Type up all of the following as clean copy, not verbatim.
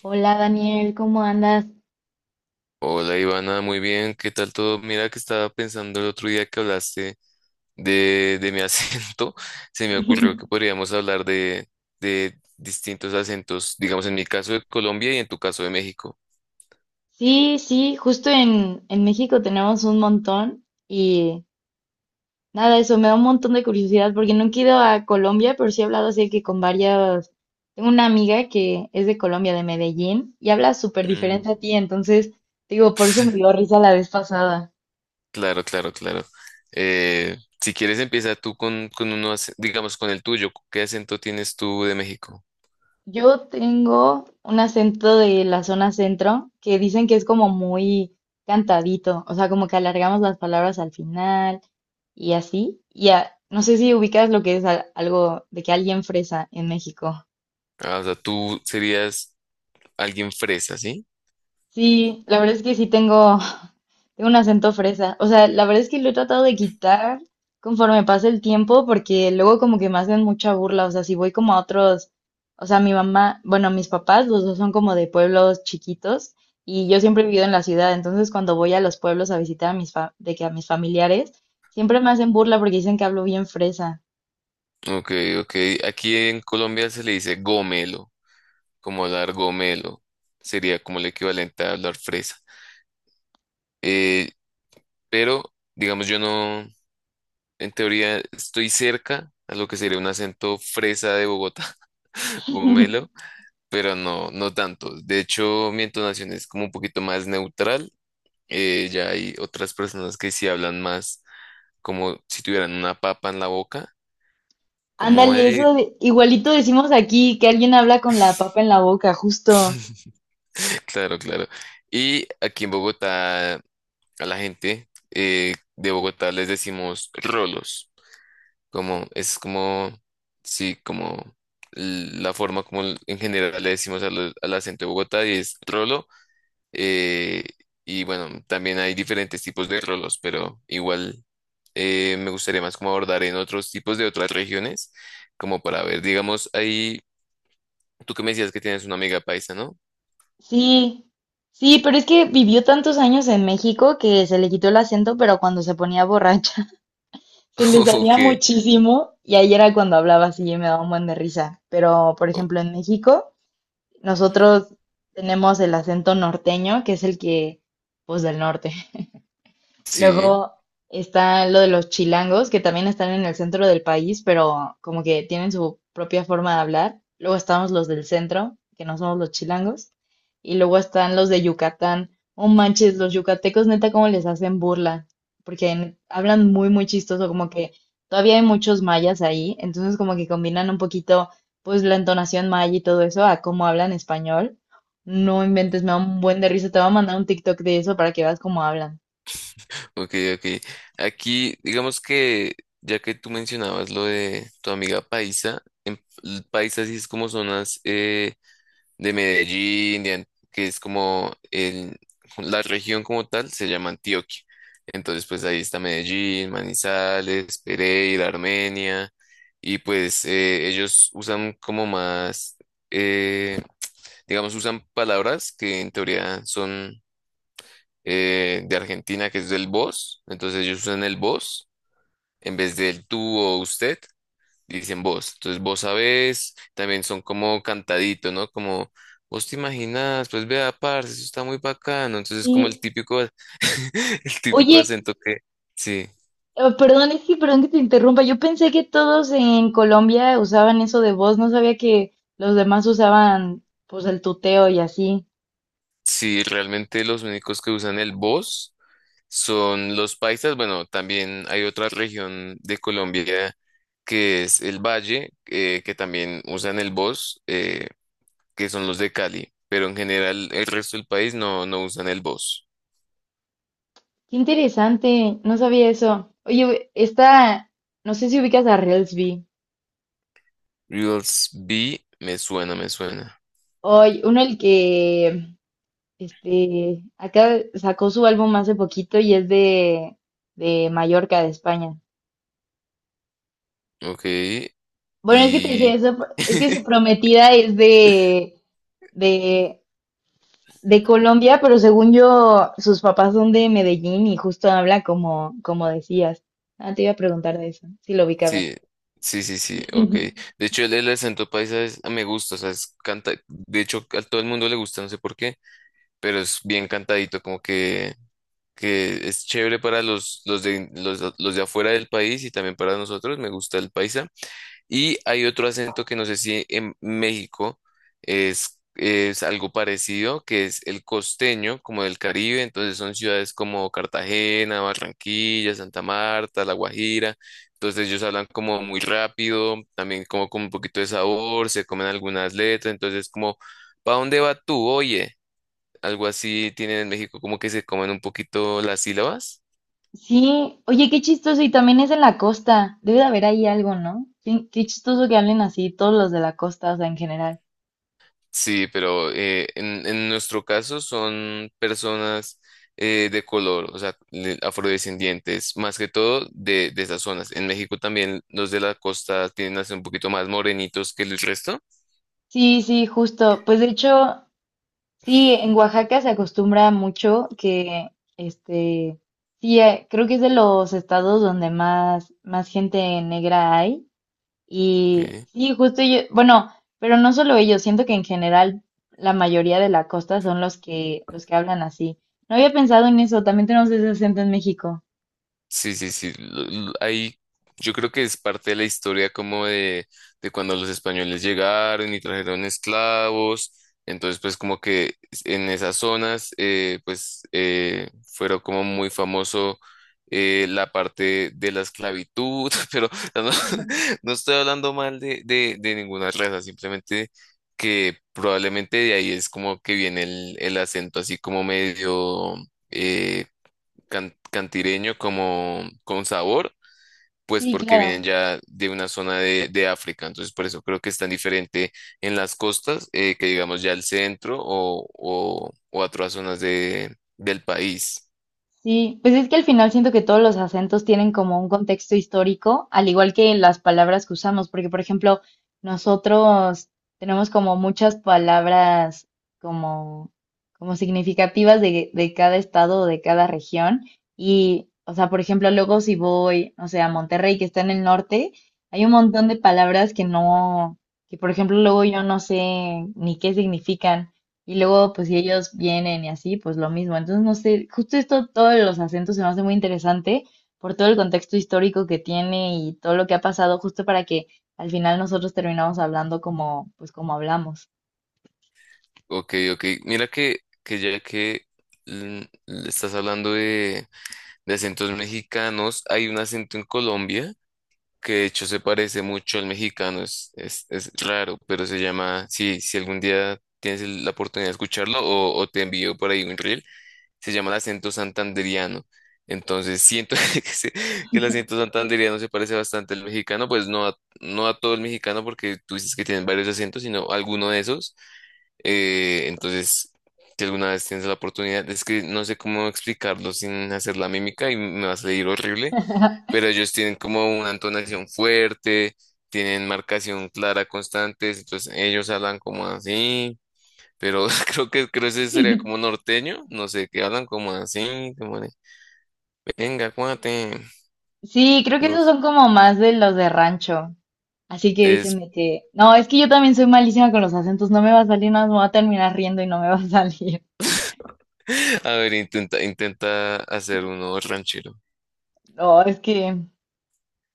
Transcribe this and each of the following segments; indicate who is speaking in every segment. Speaker 1: Hola Daniel, ¿cómo andas?
Speaker 2: Hola Ivana, muy bien, ¿qué tal todo? Mira que estaba pensando el otro día que hablaste de mi acento, se me ocurrió que podríamos hablar de distintos acentos, digamos en mi caso de Colombia y en tu caso de México.
Speaker 1: Sí, sí, justo en México tenemos un montón y nada, eso me da un montón de curiosidad porque nunca he ido a Colombia, pero sí he hablado así que con varias, tengo una amiga que es de Colombia, de Medellín, y habla súper
Speaker 2: Mm.
Speaker 1: diferente a ti, entonces digo, por eso me dio risa la vez pasada.
Speaker 2: Claro, claro, claro. Eh, si quieres empieza tú con uno, digamos con el tuyo, ¿qué acento tienes tú de México?
Speaker 1: Yo tengo un acento de la zona centro que dicen que es como muy cantadito, o sea, como que alargamos las palabras al final. Y así. No sé si ubicas lo que es algo de que alguien fresa en México.
Speaker 2: Ah, o sea, tú serías alguien fresa, ¿sí?
Speaker 1: Sí, la verdad es que sí tengo, tengo un acento fresa. O sea, la verdad es que lo he tratado de quitar conforme pasa el tiempo porque luego como que me hacen mucha burla. O sea, si voy como a otros, o sea, mi mamá, bueno, mis papás, los dos son como de pueblos chiquitos y yo siempre he vivido en la ciudad. Entonces, cuando voy a los pueblos a visitar a mis fa- de que a mis familiares, siempre me hacen burla porque dicen que hablo bien fresa.
Speaker 2: Ok, ok, aquí en Colombia se le dice gomelo. Como largomelo, sería como el equivalente a hablar fresa. Eh, pero, digamos, yo no, en teoría, estoy cerca a lo que sería un acento fresa de Bogotá, gomelo, pero no, no tanto. De hecho, mi entonación es como un poquito más neutral. Ya hay otras personas que sí hablan más como si tuvieran una papa en la boca, como,
Speaker 1: Ándale, igualito decimos aquí que alguien habla con la papa en la boca, justo.
Speaker 2: claro, claro. Y aquí en Bogotá, a la gente de Bogotá les decimos rolos. Como, es como, sí, como la forma como en general le decimos al, al acento de Bogotá y es trolo. eh, y bueno, también hay diferentes tipos de trolos, pero igual me gustaría más como abordar en otros tipos de otras regiones, como para ver, digamos, ahí, tú que me decías que tienes una amiga paisa, ¿no?
Speaker 1: Sí, sí, pero es que vivió tantos años en México que se le quitó el acento, pero cuando se ponía borracha se le
Speaker 2: O
Speaker 1: salía
Speaker 2: que,
Speaker 1: muchísimo y ahí era cuando hablaba así y me daba un buen de risa. Pero, por
Speaker 2: o-
Speaker 1: ejemplo, en México nosotros tenemos el acento norteño, que es el que, pues del norte.
Speaker 2: sí.
Speaker 1: Luego está lo de los chilangos, que también están en el centro del país, pero como que tienen su propia forma de hablar. Luego estamos los del centro, que no somos los chilangos. Y luego están los de Yucatán. Oh manches, los yucatecos, neta, cómo les hacen burla. Porque hablan muy, muy chistoso, como que todavía hay muchos mayas ahí. Entonces, como que combinan un poquito, pues, la entonación maya y todo eso a cómo hablan español. No inventes, me da un buen de risa. Te voy a mandar un TikTok de eso para que veas cómo hablan.
Speaker 2: Ok, ok. Aquí, digamos que, ya que tú mencionabas lo de tu amiga paisa, en el paisa sí es como zonas de Medellín, de que es como el, la región como tal, se llama Antioquia. Entonces, pues ahí está Medellín, Manizales, Pereira, Armenia, y pues ellos usan como más, eh, digamos, usan palabras que en teoría son de Argentina, que es del vos. Entonces ellos usan el vos en vez del tú o usted, dicen vos. Entonces vos sabés, también son como cantadito, ¿no? Como vos te imaginas, pues vea, parce, eso está muy bacano. Entonces es como el
Speaker 1: Y
Speaker 2: típico, el típico
Speaker 1: oye,
Speaker 2: acento que, sí,
Speaker 1: perdón, es que perdón que te interrumpa. Yo pensé que todos en Colombia usaban eso de voz, no sabía que los demás usaban pues el tuteo y así.
Speaker 2: sí, realmente los únicos que usan el vos son los paisas. Bueno, también hay otra región de Colombia que es el Valle, que también usan el vos. Que son los de Cali, pero en general el resto del país no, no usan el voz.
Speaker 1: Qué interesante, no sabía eso. Oye, esta, no sé si ubicas a Reelsby.
Speaker 2: Reels B me suena, me suena.
Speaker 1: Oye, uno el que este acá sacó su álbum hace poquito y es de Mallorca, de España.
Speaker 2: Ok,
Speaker 1: Bueno, es que te decía
Speaker 2: y...
Speaker 1: eso, es que su prometida es de de Colombia, pero según yo, sus papás son de Medellín y justo habla como, como decías. Ah, te iba a preguntar de eso, si lo ubicabas.
Speaker 2: Sí, sí, sí, sí, ok. De hecho, el, el acento paisa me gusta, o sea, es canta, de hecho, a todo el mundo le gusta, no sé por qué, pero es bien cantadito, como que es chévere para los de afuera del país y también para nosotros, me gusta el paisa. Y hay otro acento que no sé si en México es algo parecido, que es el costeño, como del Caribe. Entonces son ciudades como Cartagena, Barranquilla, Santa Marta, La Guajira. Entonces ellos hablan como muy rápido, también como con un poquito de sabor, se comen algunas letras. Entonces como, ¿pa dónde va tú? Oye, algo así tienen en México, como que se comen un poquito las sílabas.
Speaker 1: Sí, oye, qué chistoso, y también es en la costa. Debe de haber ahí algo, ¿no? Qué, qué chistoso que hablen así todos los de la costa, o sea, en general.
Speaker 2: Sí, pero en nuestro caso son personas de color, o sea, afrodescendientes, más que todo de esas zonas. En México también los de la costa tienden a ser un poquito más morenitos que el resto.
Speaker 1: Sí, sí, justo. Pues de hecho, sí, en Oaxaca se acostumbra mucho que, este, sí, creo que es de los estados donde más, más gente negra hay.
Speaker 2: Ok.
Speaker 1: Y sí, justo yo, bueno, pero no solo ellos, siento que en general la mayoría de la costa son los que hablan así. No había pensado en eso, también tenemos ese acento en México.
Speaker 2: Sí, sí, sí. Ahí yo creo que es parte de la historia como de cuando los españoles llegaron y trajeron esclavos. Entonces, pues como que en esas zonas, pues fueron como muy famoso la parte de la esclavitud, pero no, no estoy hablando mal de ninguna raza, simplemente que probablemente de ahí es como que viene el acento así como medio... eh, cantireño como con sabor, pues
Speaker 1: Sí,
Speaker 2: porque vienen
Speaker 1: claro.
Speaker 2: ya de una zona de África. Entonces, por eso creo que es tan diferente en las costas que digamos ya el centro o otras zonas de, del país.
Speaker 1: Sí, pues es que al final siento que todos los acentos tienen como un contexto histórico, al igual que las palabras que usamos, porque por ejemplo, nosotros tenemos como muchas palabras como, como significativas de cada estado o de cada región. Y, o sea, por ejemplo, luego si voy, no sé, a Monterrey, que está en el norte, hay un montón de palabras que no, que por ejemplo, luego yo no sé ni qué significan. Y luego, pues si ellos vienen y así, pues lo mismo. Entonces, no sé, justo esto, todos los acentos se me hace muy interesante por todo el contexto histórico que tiene y todo lo que ha pasado, justo para que al final nosotros terminamos hablando como, pues como hablamos.
Speaker 2: Ok, ok. Mira que ya que mm, estás hablando de acentos mexicanos, hay un acento en Colombia que de hecho se parece mucho al mexicano, es raro, pero se llama, si, si algún día tienes la oportunidad de escucharlo o te envío por ahí un reel, se llama el acento santanderiano. Entonces siento que, que el acento santanderiano se parece bastante al mexicano, pues no a, no a todo el mexicano porque tú dices que tienen varios acentos, sino alguno de esos. Entonces, si alguna vez tienes la oportunidad, es que no sé cómo explicarlo sin hacer la mímica y me va a salir horrible, pero ellos tienen como una entonación fuerte, tienen marcación clara constantes, entonces ellos hablan como así, pero creo que ese sería como norteño, no sé, que hablan como así, como de, venga, cuate,
Speaker 1: Sí, creo que
Speaker 2: no
Speaker 1: esos
Speaker 2: sé,
Speaker 1: son como más de los de rancho. Así que dicen
Speaker 2: es,
Speaker 1: de que, no, es que yo también soy malísima con los acentos, no me va a salir, nada más me voy a terminar riendo y no me va a salir.
Speaker 2: a ver, intenta, intenta hacer uno ranchero.
Speaker 1: No, es que,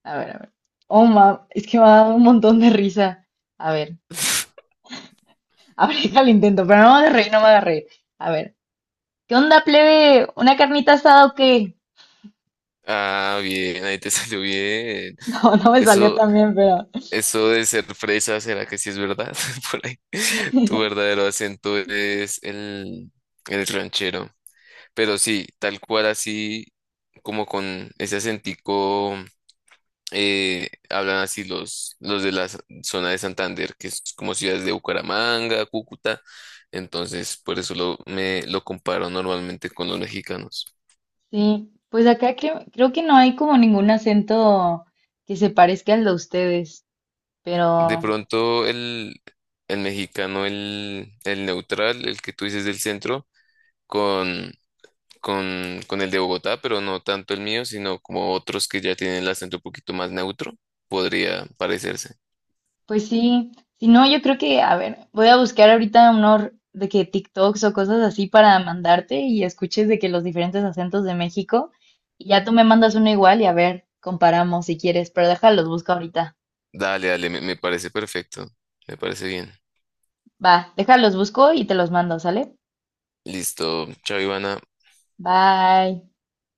Speaker 1: a ver, a ver. Oh, ma, es que me ha dado un montón de risa. A ver. Aplica el intento, pero no me hagas reír, no me hagas reír. A ver, ¿qué onda, plebe? ¿Una carnita asada o qué?
Speaker 2: Ah, bien, ahí te salió bien.
Speaker 1: No, no me salió
Speaker 2: Eso,
Speaker 1: tan bien, pero
Speaker 2: eso de ser fresa, ¿será que sí es verdad? Por ahí. Tu verdadero acento es el ranchero. Pero sí, tal cual así, como con ese acentico, hablan así los de la zona de Santander, que es como ciudades de Bucaramanga, Cúcuta. Entonces, por eso lo, me lo comparo normalmente con los mexicanos.
Speaker 1: sí. Pues acá creo, creo que no hay como ningún acento que se parezca al de ustedes,
Speaker 2: De
Speaker 1: pero
Speaker 2: pronto, el mexicano, el neutral, el que tú dices del centro, con, con el de Bogotá, pero no tanto el mío, sino como otros que ya tienen el acento un poquito más neutro, podría parecerse.
Speaker 1: pues sí. Si no, yo creo que, a ver, voy a buscar ahorita unos de que TikToks o cosas así para mandarte y escuches de que los diferentes acentos de México y ya tú me mandas uno igual y a ver, comparamos si quieres, pero déjalos, busco ahorita.
Speaker 2: Dale, dale, me parece perfecto. Me parece bien.
Speaker 1: Va, déjalos busco y te los mando, ¿sale?
Speaker 2: Listo, chao, Ivana.
Speaker 1: Bye.